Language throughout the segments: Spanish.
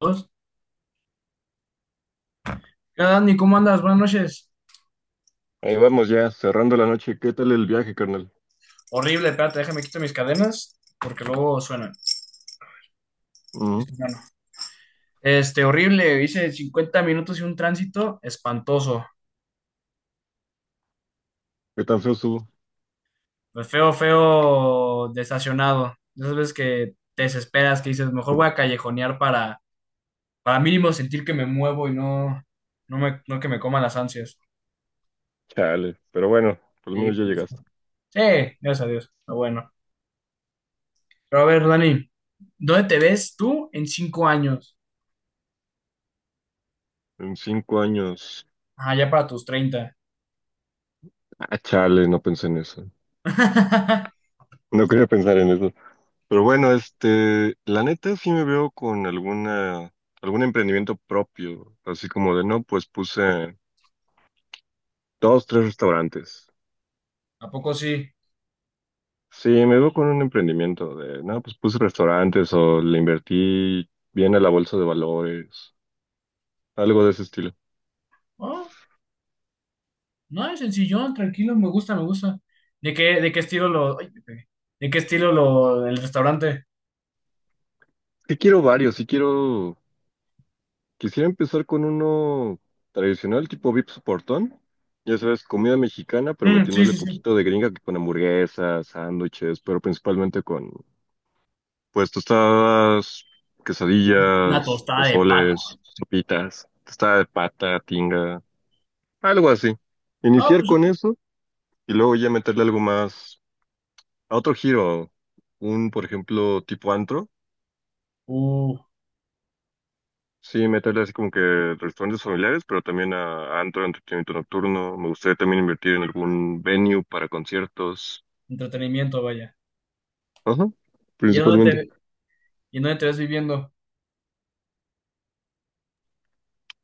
Dos. ¿Qué tal, Dani? ¿Cómo andas? Buenas noches. Ahí vamos ya, cerrando la noche. ¿Qué tal el viaje, carnal? Horrible, espérate, déjame quito mis cadenas porque luego suenan. Ujú. Listo, hermano. Horrible. Hice 50 minutos y un tránsito espantoso. ¿Qué tan feo estuvo? Pues feo, feo, desestacionado. De esas veces que te desesperas, que dices, mejor voy a callejonear para mínimo sentir que me muevo y no que me coman las ansias. Chale, pero bueno, por lo Sí, menos ya llegaste. sí, gracias a Dios. Pero bueno. Pero a ver, Dani, ¿dónde te ves tú en 5 años? En 5 años. Ah, ya para tus 30. Ah, chale, no pensé en eso. No quería pensar en eso. Pero bueno, la neta sí me veo con algún emprendimiento propio. Así como de no, pues puse 2, 3 restaurantes. ¿A poco sí? Sí, me veo con un emprendimiento de no, pues puse restaurantes o le invertí bien a la bolsa de valores. Algo de ese estilo. Oh, no, es sencillón, tranquilo, me gusta, me gusta. ¿De qué estilo lo, ay, me pegué. ¿De qué estilo lo, el restaurante? Sí quiero varios, sí quiero. Quisiera empezar con uno tradicional, tipo Vips Portón. Ya sabes, comida mexicana, pero Mm, sí, metiéndole sí, sí. poquito de gringa que con hamburguesas, sándwiches, pero principalmente pues, tostadas, Una quesadillas, tostada de pata. pozoles, sopitas, tostada de pata, tinga, algo así. Ah, Iniciar pues, con eso y luego ya meterle algo más a otro giro. Un, por ejemplo, tipo antro. uh, Sí, meterle así como que restaurantes familiares, pero también a antro, entretenimiento nocturno. Me gustaría también invertir en algún venue para conciertos. entretenimiento, vaya. Ajá, ¿Y en dónde principalmente. te, y en dónde te ves viviendo?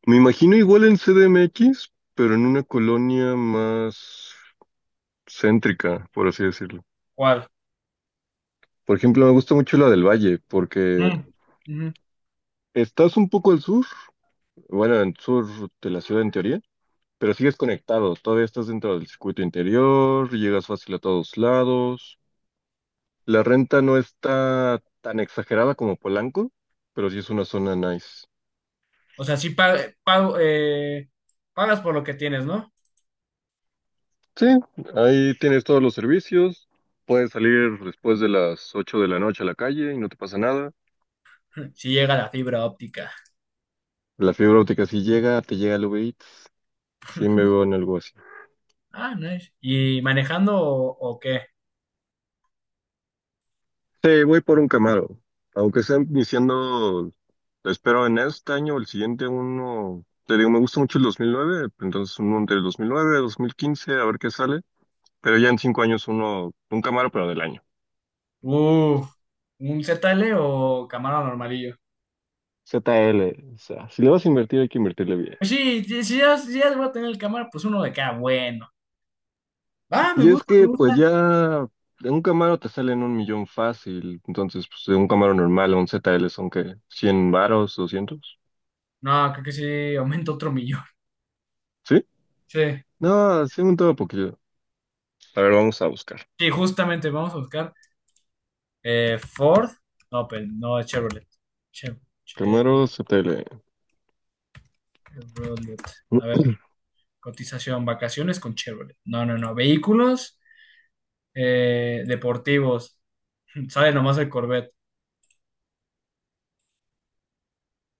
Me imagino igual en CDMX, pero en una colonia más céntrica, por así decirlo. ¿Cuál? Por ejemplo, me gusta mucho la del Valle, porque Mm, ujú. estás un poco al sur, bueno, al sur de la ciudad en teoría, pero sigues conectado, todavía estás dentro del circuito interior, llegas fácil a todos lados. La renta no está tan exagerada como Polanco, pero sí es una zona nice. O sea, sí pago, pagas por lo que tienes, ¿no? Sí, ahí tienes todos los servicios. Puedes salir después de las 8 de la noche a la calle y no te pasa nada. Si llega la fibra óptica. La fibra óptica sí llega, te llega el Uber Eats. Sí me veo en algo así. Ah, nice. ¿Y manejando o qué? Sí, voy por un Camaro. Aunque sea iniciando, espero en este año o el siguiente uno. Te digo, me gusta mucho el 2009, entonces uno entre el 2009 y 2015, a ver qué sale. Pero ya en 5 años uno, un Camaro, pero del año. Uf, ¿un ZL o Camaro normalillo? ZL, o sea, si le vas a invertir hay que invertirle bien. Pues sí, sí, si ya voy a tener el cámara, pues uno de cada bueno. Ah, me Y es gusta, me que pues gusta. ya de un Camaro te salen 1 millón fácil, entonces pues de un Camaro normal a un ZL son que 100 varos, 200, No, creo que sí, aumenta otro millón. ¿sí? Sí, No, sí, un todo poquito. A ver, vamos a buscar. sí, justamente vamos a buscar Ford. No, pero no, es Chevrolet. Chev- Camaro ZL. Chevrolet. A ver, cotización, vacaciones con Chevrolet. No, no, no. Vehículos deportivos. Sale nomás el Corvette.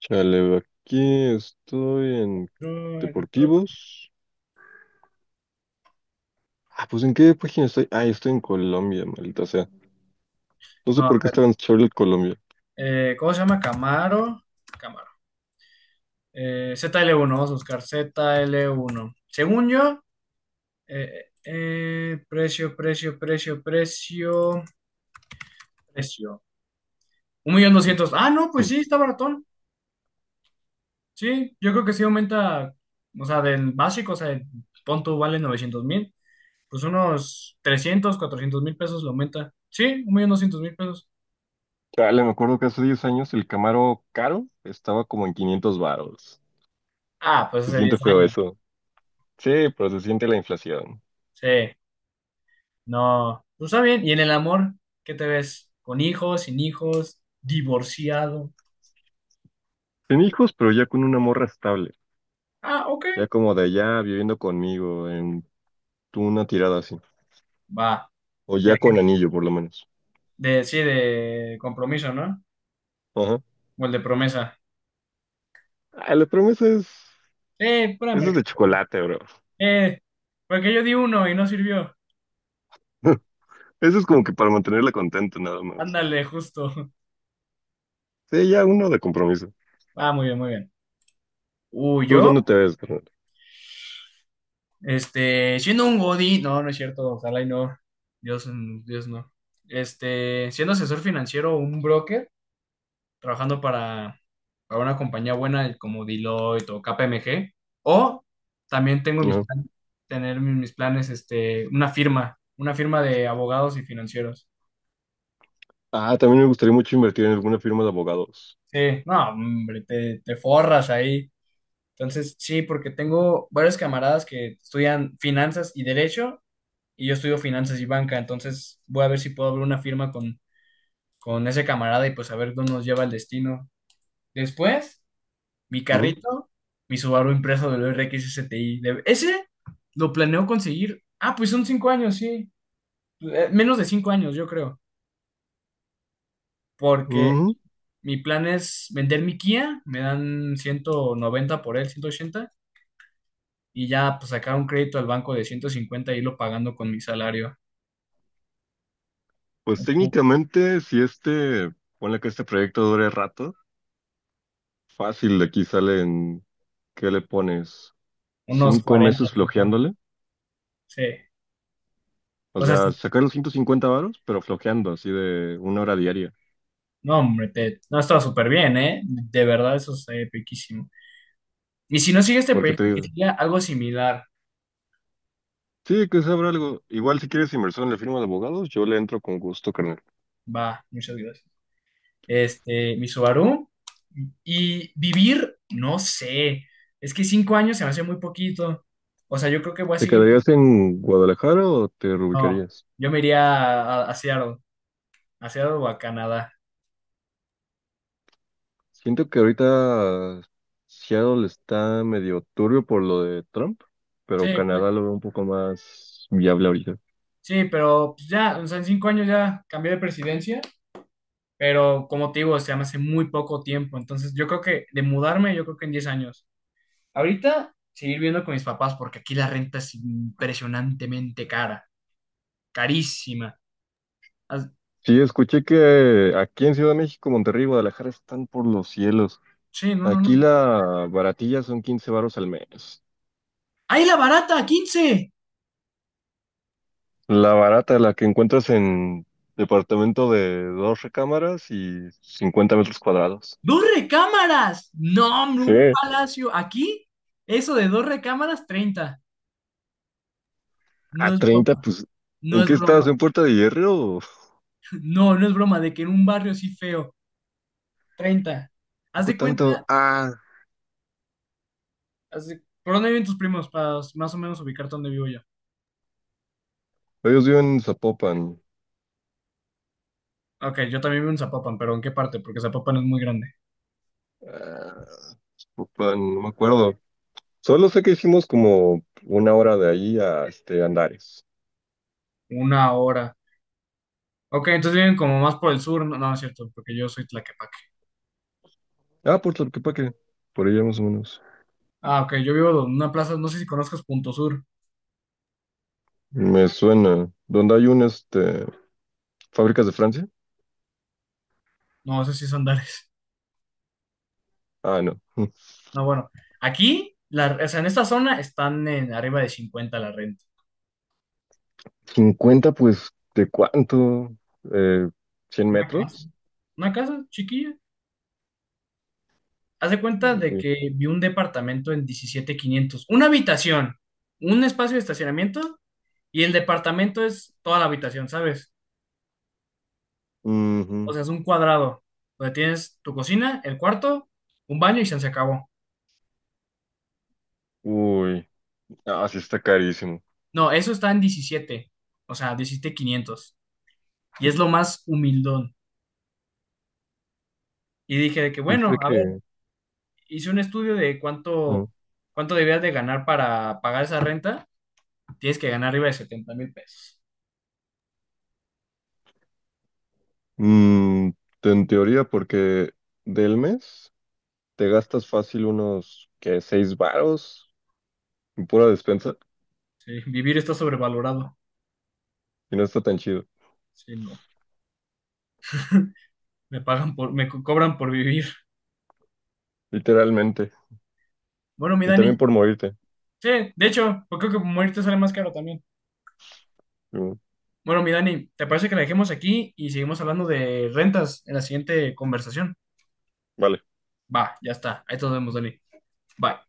Chale, aquí estoy en No, electro- Deportivos. Ah, pues ¿en qué página estoy? Ah, estoy en Colombia, maldita sea. No sé no, a por qué estaba ver. en Chevrolet Colombia. ¿Cómo se llama? Camaro. Camaro. ZL1, vamos a buscar ZL1. Según yo. Precio, precio, precio, precio, precio. 1,200,000. Ah, no, pues sí, está baratón. Sí, yo creo que sí aumenta, o sea, del básico, o sea, el punto vale 900,000, pues unos 300 400 mil pesos lo aumenta. Sí, 1,200,000 pesos. Dale, me acuerdo que hace 10 años el Camaro caro estaba como en 500 varos. Ah, pues Se hace 10 siente feo años. eso. Sí, pero se siente la inflación. Sí, no, pues está bien. ¿Y en el amor, qué te ves? ¿Con hijos, sin hijos, divorciado? Sin hijos, pero ya con una morra estable. Ah, ok, Ya como de allá viviendo conmigo en una tirada así. va. O Ya ya con que, anillo, por lo menos. de, sí, de compromiso, ¿no? Ajá. O el de promesa. Ah, la promesa es... Pura Eso es merca. de chocolate, bro. Eh, porque yo di uno y no sirvió. Eso es como que para mantenerla contenta, nada más. Ándale, justo. Sí, ya uno de compromiso. Ah, muy bien, muy bien. Uy, ¿Tú yo, dónde te ves, carnal? Siendo un godín. No, no es cierto, ojalá y no. Dios, Dios no. Siendo asesor financiero o un broker, trabajando para una compañía buena como Deloitte o KPMG. O también tengo mis Ajá. planes, tener mis planes, una firma de abogados y financieros. Ah, también me gustaría mucho invertir en alguna firma de abogados. Sí, no, hombre, te forras ahí. Entonces, sí, porque tengo varios camaradas que estudian finanzas y derecho y yo estudio finanzas y banca, entonces voy a ver si puedo abrir una firma con ese camarada y pues a ver dónde nos lleva el destino. Después, mi Ujú. carrito, mi Subaru impreso del RXSTI Ese lo planeo conseguir. Ah, pues son 5 años, sí. Menos de 5 años, yo creo, porque Ujú. mi plan es vender mi Kia, me dan 190 por él, 180 y ya pues sacar un crédito al banco de 150 y irlo pagando con mi salario. Pues técnicamente, si este, ponle que este proyecto dure rato, fácil, de aquí salen, ¿qué le pones? Unos Cinco cuarenta meses 50. flojeándole. Sí. O O sea, sea, sí. sacar los 150 varos, pero flojeando, así de 1 hora diaria. No, hombre, no estaba súper bien, ¿eh? De verdad, eso es piquísimo. Y si no sigue este Porque te proyecto, que digo, siga algo similar. sí, que sabrá algo. Igual si quieres inversión en la firma de abogados, yo le entro con gusto, carnal. Va, muchas gracias. Mi Subaru. Y vivir, no sé. Es que 5 años se me hace muy poquito. O sea, yo creo que voy a ¿Te seguir. quedarías en Guadalajara o te No, reubicarías? yo me iría a Seattle o a Canadá. Siento que ahorita Seattle está medio turbio por lo de Trump, pero Sí, pues. Canadá lo veo un poco más viable ahorita. Sí, pero pues, ya, o sea, en 5 años ya cambié de presidencia, pero como te digo, o sea, me hace muy poco tiempo, entonces yo creo que de mudarme, yo creo que en 10 años. Ahorita seguir viviendo con mis papás porque aquí la renta es impresionantemente cara, carísima. As- Sí, escuché que aquí en Ciudad de México, Monterrey y Guadalajara están por los cielos. Sí, no, no, Aquí no. la baratilla son 15 varos al mes. ¡Ahí la barata, 15! La barata, la que encuentras en departamento de 2 recámaras y 50 metros cuadrados. ¡Dos recámaras! No, hombre, Sí, un palacio. Aquí, eso de dos recámaras, 30. No a es 30 broma, pues, no ¿en es qué estás? broma. ¿En Puerta de Hierro? No, no es broma, de que en un barrio así feo, 30. Haz Poco de tanto. cuenta. Ah, Así, ¿por dónde viven tus primos? Para más o menos ubicarte dónde vivo yo. ellos viven en Zapopan. Ok, yo también vivo en Zapopan, pero ¿en qué parte? Porque Zapopan es muy grande. Ah, Zapopan, no me acuerdo. Solo sé que hicimos como 1 hora de ahí a este Andares. Una hora. Ok, entonces viven como más por el sur. No, no es cierto, porque yo soy Tlaquepaque. Ah, Puerto Arquepaque, por allá más o menos. Ah, ok, yo vivo en una plaza, no sé si conozcas Punto Sur. Me suena. ¿Dónde hay un, fábricas de Francia? No, ese sí es Andares. Ah, no. No, bueno. Aquí, o sea, en esta zona están en arriba de 50 la renta. 50, pues, ¿de cuánto? Eh, ¿100 Una casa. metros? Una casa chiquilla. Haz de cuenta de Uy. que vi un departamento en 17,500. Una habitación, un espacio de estacionamiento. Y el departamento es toda la habitación, ¿sabes? O Ujú. sea, es un cuadrado donde tienes tu cocina, el cuarto, un baño y se acabó. Uy. Ah, sí está carísimo. No, eso está en diecisiete, o sea, 17,500. Y es lo más humildón. Y dije de que, Dice bueno, a ver, que... hice un estudio de cuánto, ah. cuánto debías de ganar para pagar esa renta. Tienes que ganar arriba de 70,000 pesos. Mm, en teoría, porque del mes te gastas fácil unos, ¿qué? ¿6 varos en pura despensa? Sí, vivir está sobrevalorado. Y no está tan chido, Sí, no. Me cobran por vivir. literalmente. Bueno, mi Y también Dani, por morirte. sí, de hecho, pues creo que morirte sale más caro también. Mm, Bueno, mi Dani, ¿te parece que la dejemos aquí y seguimos hablando de rentas en la siguiente conversación? vale. Va, ya está. Ahí nos vemos, Dani. Bye.